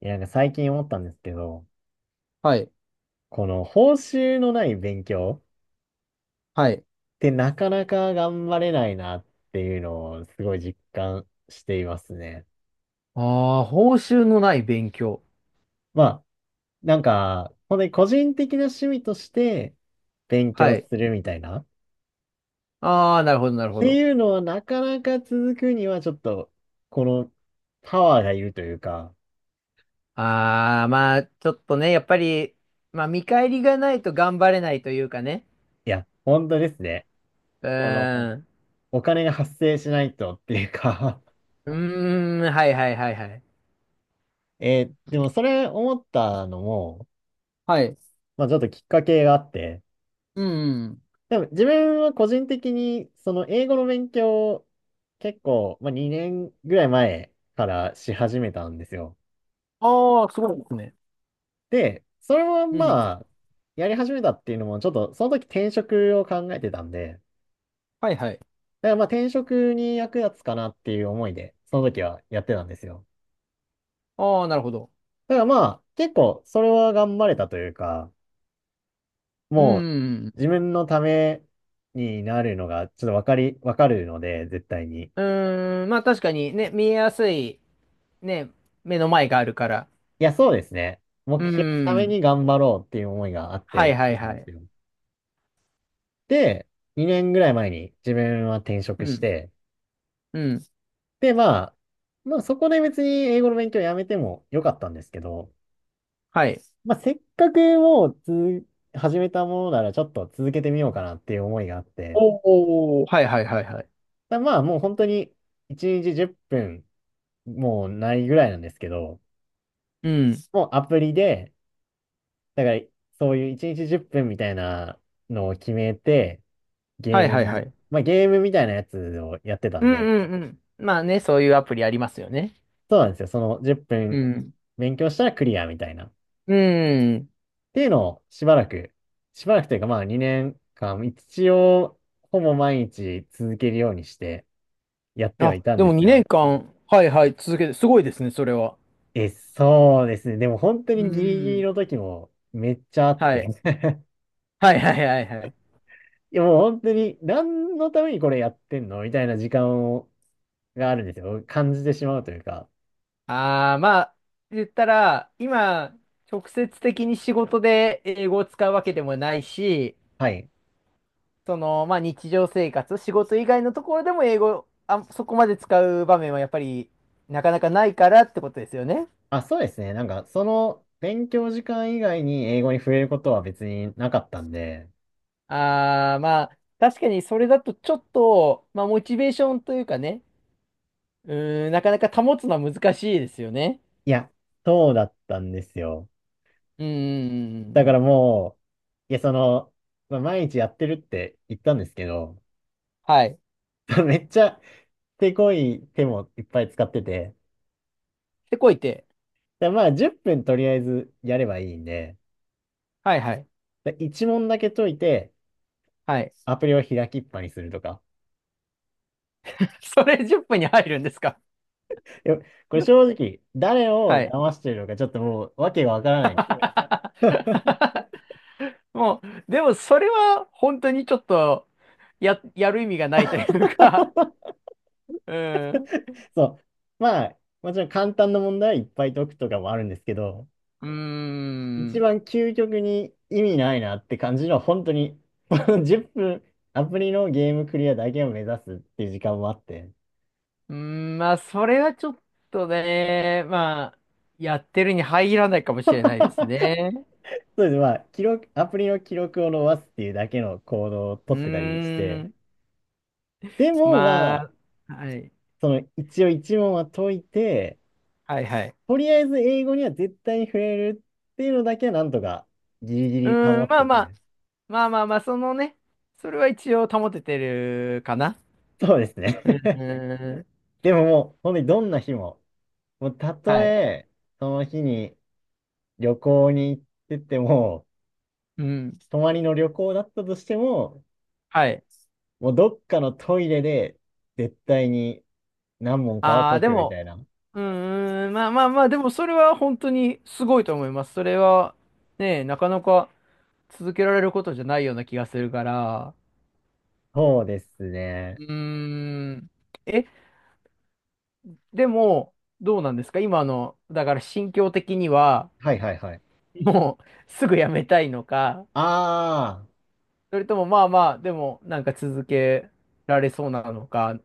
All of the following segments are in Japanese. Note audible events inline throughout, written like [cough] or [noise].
いや、なんか最近思ったんですけど、はい。この報酬のない勉強はい。ってなかなか頑張れないなっていうのをすごい実感していますね。ああ、報酬のない勉強。まあ、なんか、本当に個人的な趣味として勉は強い。するみたいなっああ、なるほど、なるほてど。いうのはなかなか続くにはちょっと、このパワーがいるというか、ああ、まあ、ちょっとね、やっぱり、まあ、見返りがないと頑張れないというかね。いや、本当ですね。うこの、ーん。お金が発生しないとっていうか。 うーん、はいはいはいはい。[laughs] えでもそれ思ったのも、はい。まあちょっときっかけがあって、うん。でも自分は個人的にその英語の勉強を結構、まあ、2年ぐらい前からし始めたんですよ。ああ、すごいですね。で、それもうん。まあやり始めたっていうのもちょっとその時転職を考えてたんで、はいはい。だからまあ転職に役立つかなっていう思いでその時はやってたんですよ。ああ、なるほど。だからまあ結構それは頑張れたというか、うもうん。自分のためになるのがちょっとわかるので絶対に。うーん、まあ確かにね、見えやすい、ね、目の前があるから。いや、そうですね。う目ー標のためん、に頑張ろうっていう思いがあっはていやっはていたんはですい。よ。で、2年ぐらい前に自分は転う職しん、て、うん、で、まあ、まあそこで別に英語の勉強やめてもよかったんですけど、はい。まあせっかくもう始めたものならちょっと続けてみようかなっていう思いがあって、おお、はいはいはいはい。まあもう本当に1日10分もうないぐらいなんですけど、うん。もうアプリで、だからそういう1日10分みたいなのを決めて、ゲはーいムはいはの、い。まあ、ゲームみたいなやつをやってたうんんで、うんうん。まあね、そういうアプリありますよね。そうなんですよ。その10う分ん。勉強したらクリアみたいな。っうん。ていうのをしばらく、しばらくというかまあ2年間、一応ほぼ毎日続けるようにしてやってはあ、いたんででもす2よ。年間、はいはい、続けて、すごいですね、それは。え、そうですね。でも本当うにギリギリん。の時もめっちゃあっはい。て。はいはいはいはい。[laughs] いやもう本当に何のためにこれやってんのみたいな時間をがあるんですよ。感じてしまうというか。ああ、まあ、言ったら、今、直接的に仕事で英語を使うわけでもないし、はい。その、まあ日常生活、仕事以外のところでも英語、あ、そこまで使う場面はやっぱり、なかなかないからってことですよね。あ、そうですね。なんか、その勉強時間以外に英語に触れることは別になかったんで、ああ、まあ、確かにそれだとちょっと、まあ、モチベーションというかね、うーん、なかなか保つのは難しいですよね。いや、そうだったんですよ。うーだからん、もう、いや、その、まあ、毎日やってるって言ったんですけど、はい。[laughs] めっちゃ手こい手もいっぱい使ってて、で、こいて。でまあ、10分とりあえずやればいいんで、はいはい。で1問だけ解いて、はい。アプリを開きっぱにするとか。[laughs] それ10分に入るんですか？いやこれ正直、誰をはい。騙してるのかちょっともうわけがわからない。[laughs] [laughs] もう、でもそれは本当にちょっと、やる意味がないというか、うん。うそう。まあ、もちろん簡単な問題はいっぱい解くとかもあるんですけど、ー一ん。番究極に意味ないなって感じのは本当に、[laughs] この10分、アプリのゲームクリアだけを目指すっていう時間もあって、うーん、まあ、それはちょっとね、まあ、やってるに入らないかもしれないですね。そうです。まあ、記録、アプリの記録を伸ばすっていうだけの行動をう取ってたりしーて、ん、でもままあ、あ、はい。その一応一問は解いて、はいはい。とりあえず英語には絶対に触れるっていうのだけはなんとかギリギうリ保ーん、っまあてまあ、て、まあまあまあ、そのね、それは一応保ててるかな。そうですね。う [laughs] ーん、でももう、本当にどんな日も、もうたとはい。え、その日に旅行に行ってても、うん、泊まりの旅行だったとしても、はい。もうどっかのトイレで絶対に何問かはああ、解でくみも、たいな。うーん、まあまあまあ、でもそれは本当にすごいと思います。それは、ね、なかなか続けられることじゃないような気がするから。そうですうね。ーん。え、でも、どうなんですか今の、だから心境的には、はいはいはい。もうすぐやめたいのか、あそれともまあまあ、でもなんか続けられそうなのか。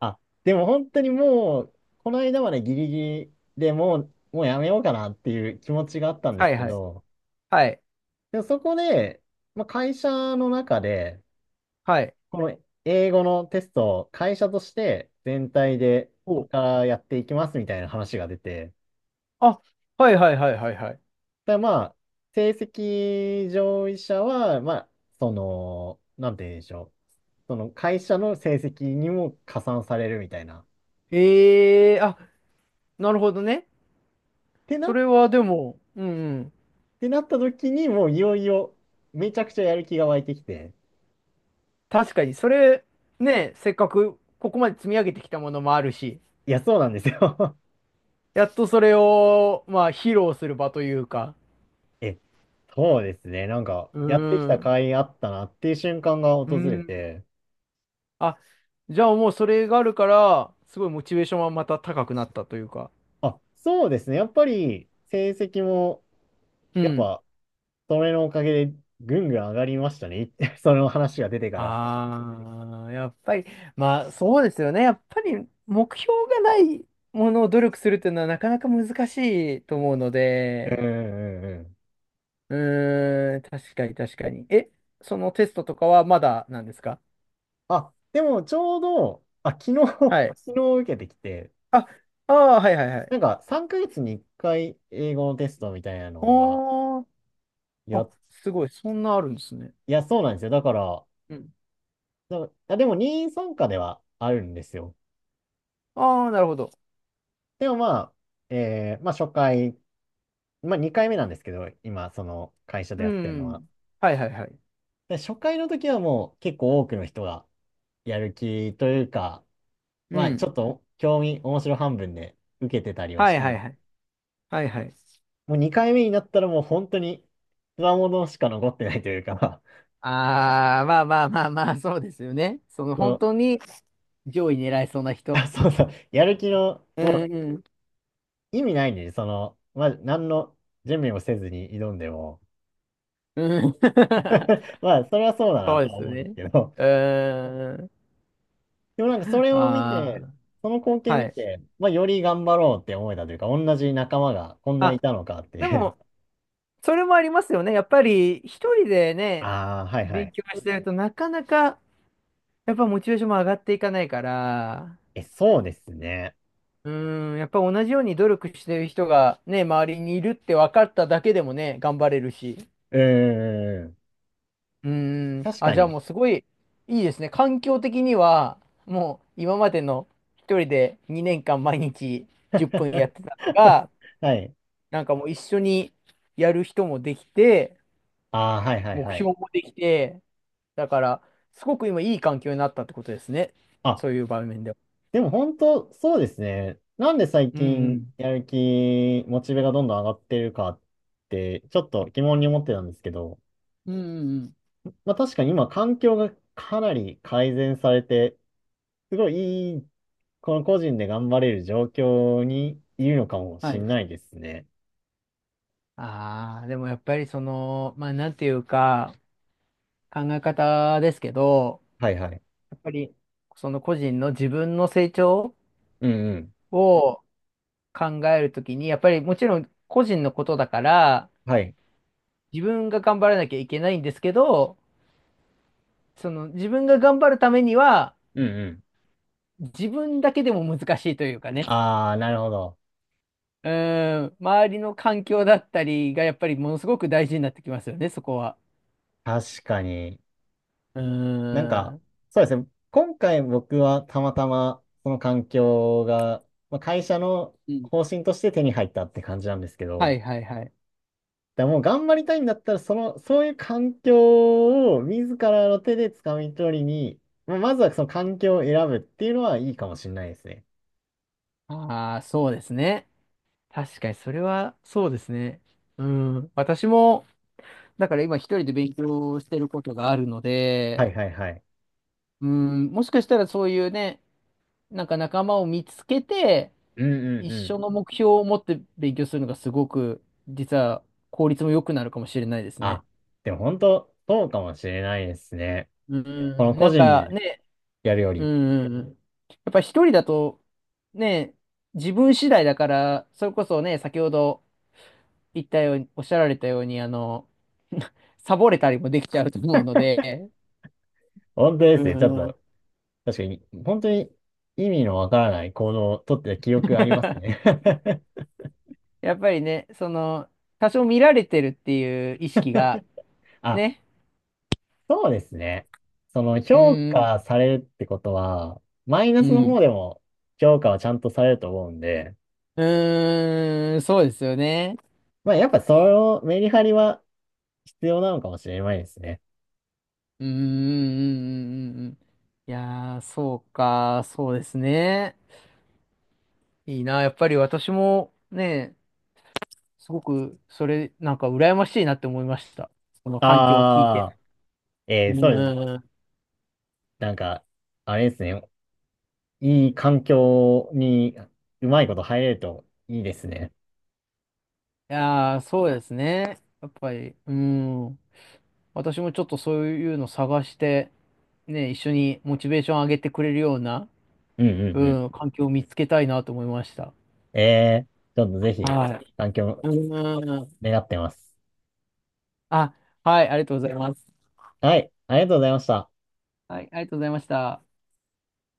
あ、あ、でも本当にもう、この間までギリギリでもう、もうやめようかなっていう気持ちがあったんではすいけはい。ど、はい。でもそこで、まあ、会社の中で、はい。この英語のテストを会社として全体でこれお。からやっていきますみたいな話が出て、あ、はいはいはいはいはい。ただまあ、成績上位者は、まあ、その、なんて言うんでしょう。その会社の成績にも加算されるみたいな。ええー、あ、なるほどね。そっれはでも、うんうん。てなった時にもういよいよめちゃくちゃやる気が湧いてきて。確かに、それ、ね、せっかくここまで積み上げてきたものもあるし、いや、そうなんですよ。 やっとそれを、まあ、披露する場というか、[laughs] え、そうですね。なんか、うやってきた甲ん。斐あったなっていう瞬間がう訪れん。て、あ、じゃあもうそれがあるから、すごいモチベーションはまた高くなったというか。あ、そうですね。やっぱり成績も、うやっん。ぱ、それのおかげでぐんぐん上がりましたね。[laughs] その話が出てから。ああ、やっぱり、まあそうですよね。やっぱり目標がないものを努力するっていうのはなかなか難しいと思うのうんで、うんうんうん。うーん、確かに確かに。え、そのテストとかはまだなんですか？あ、でもちょうど、あ、昨日 はい。[laughs] 昨日受けてきて、あ、ああ、はいはいはい。なんか3ヶ月に1回英語のテストみたいなのが、おー、や、あ、すごい、そんなあるんですね。いや、そうなんですよ。だから、うん。でも任意参加ではあるんですよ。ああ、なるほど。でもまあ、まあ初回、まあ2回目なんですけど、今、その会社でうやってるのは。ん。はいはいはい。で初回の時はもう結構多くの人がやる気というか、うまあん。ちょっと興味、面白半分で受けてたりははしいたんはでいはい。す。はいはい。もう2回目になったらもう本当に強者しか残ってないというか、ああ、まあまあまあまあ、そうですよね。その [laughs] そ本の、当に上位狙いそうな人。あ、そうそう、やる気の、うもうんうん。意味ないんで、その、まあ何の準備もせずに挑んでも、うん。[laughs] [laughs] まあそれはそうだなそとうではすよ思うんですね。けど、うーん。でもなんかそれを見て、あその光あ、景は見い。て、まあより頑張ろうって思えたというか、同じ仲間がこんないあ、たのかってでいう。も、それもありますよね。やっぱり一人でね、ああ、はいは勉い。強してるとなかなか、やっぱモチベーションも上がっていかないから、え、そうですね。うーん、やっぱ同じように努力してる人がね、周りにいるって分かっただけでもね、頑張れるし。うーん。うーん。確あ、かじゃあに。もうすごいいいですね。環境的には、もう今までの一人で2年間毎日10分やって [laughs] たのが、はい。なんかもう一緒にやる人もできて、ああ、はいはい目はい。標もできて、だから、すごく今いい環境になったってことですね。あ、そういう場面では。でも本当、そうですね。なんで最うんう近ん。やる気、モチベがどんどん上がってるかって、ちょっと疑問に思ってたんですけど、うんうんうん。まあ確かに今環境がかなり改善されて、すごいいい、この個人で頑張れる状況にいるのかもはしい。んないですね。ああ、でもやっぱりその、まあなんていうか、考え方ですけど、はいはい。やっぱりその個人の自分の成長うんうん。を考えるときに、やっぱりもちろん個人のことだから、はい。自分が頑張らなきゃいけないんですけど、その自分が頑張るためには、うん。自分だけでも難しいというかね、ああ、なるほど。うーん、周りの環境だったりがやっぱりものすごく大事になってきますよね、そこは。確かに。うーなんか、ん。そうですね。今回僕はたまたまその環境が、まあ、会社のうん方針として手に入ったって感じなんですけはど、いはいはい。だからもう頑張りたいんだったら、その、そういう環境を自らの手で掴み取りに、まあまずはその環境を選ぶっていうのはいいかもしれないですね。ああ、そうですね。確かにそれはそうですね。うん。私も、だから今一人で勉強してることがあるのはいで、はいはい。うん、もしかしたらそういうね、なんか仲間を見つけて、うんう一んう緒ん。の目標を持って勉強するのがすごく、実は効率も良くなるかもしれないですね。あ、でも本当、そうかもしれないですね。うんこのうん、個なん人かでね、やるようんり。うんうん、やっぱ一人だと、ね、自分次第だから、それこそね、先ほど言ったように、おっしゃられたように、[laughs] サボれたりもできちゃうと思うので、本当でうすね。ちょっん と確かに、本当に意味のわからない行動をとってた記憶ありますね。 [laughs] やっぱりね、その、多少見られてるっていう意識が、[laughs] あ、ね、そうですね。そのう評ん価されるってことは、マイナうん、スのう方ん。でも評価はちゃんとされると思うんで、うーん、そうですよね。まあやっぱそのメリハリは必要なのかもしれないですね。うーん、うんうんうんうんいやー、そうか、そうですね。いいな、やっぱり私もね、すごく、それ、なんか羨ましいなって思いました。この環境を聞いて。ああ、うそうです。ーん。なんか、あれですね。いい環境にうまいこと入れるといいですね。いやー、そうですね。やっぱり、うーん。私もちょっとそういうの探して、ね、一緒にモチベーション上げてくれるような、うんううんうん、環境を見つけたいなと思いました。ん。ちょっとぜひ、いはい環境い。うーん。願ってます。あ、はい、ありがとうございます。はい、ありがとうございました。はい、ありがとうございました。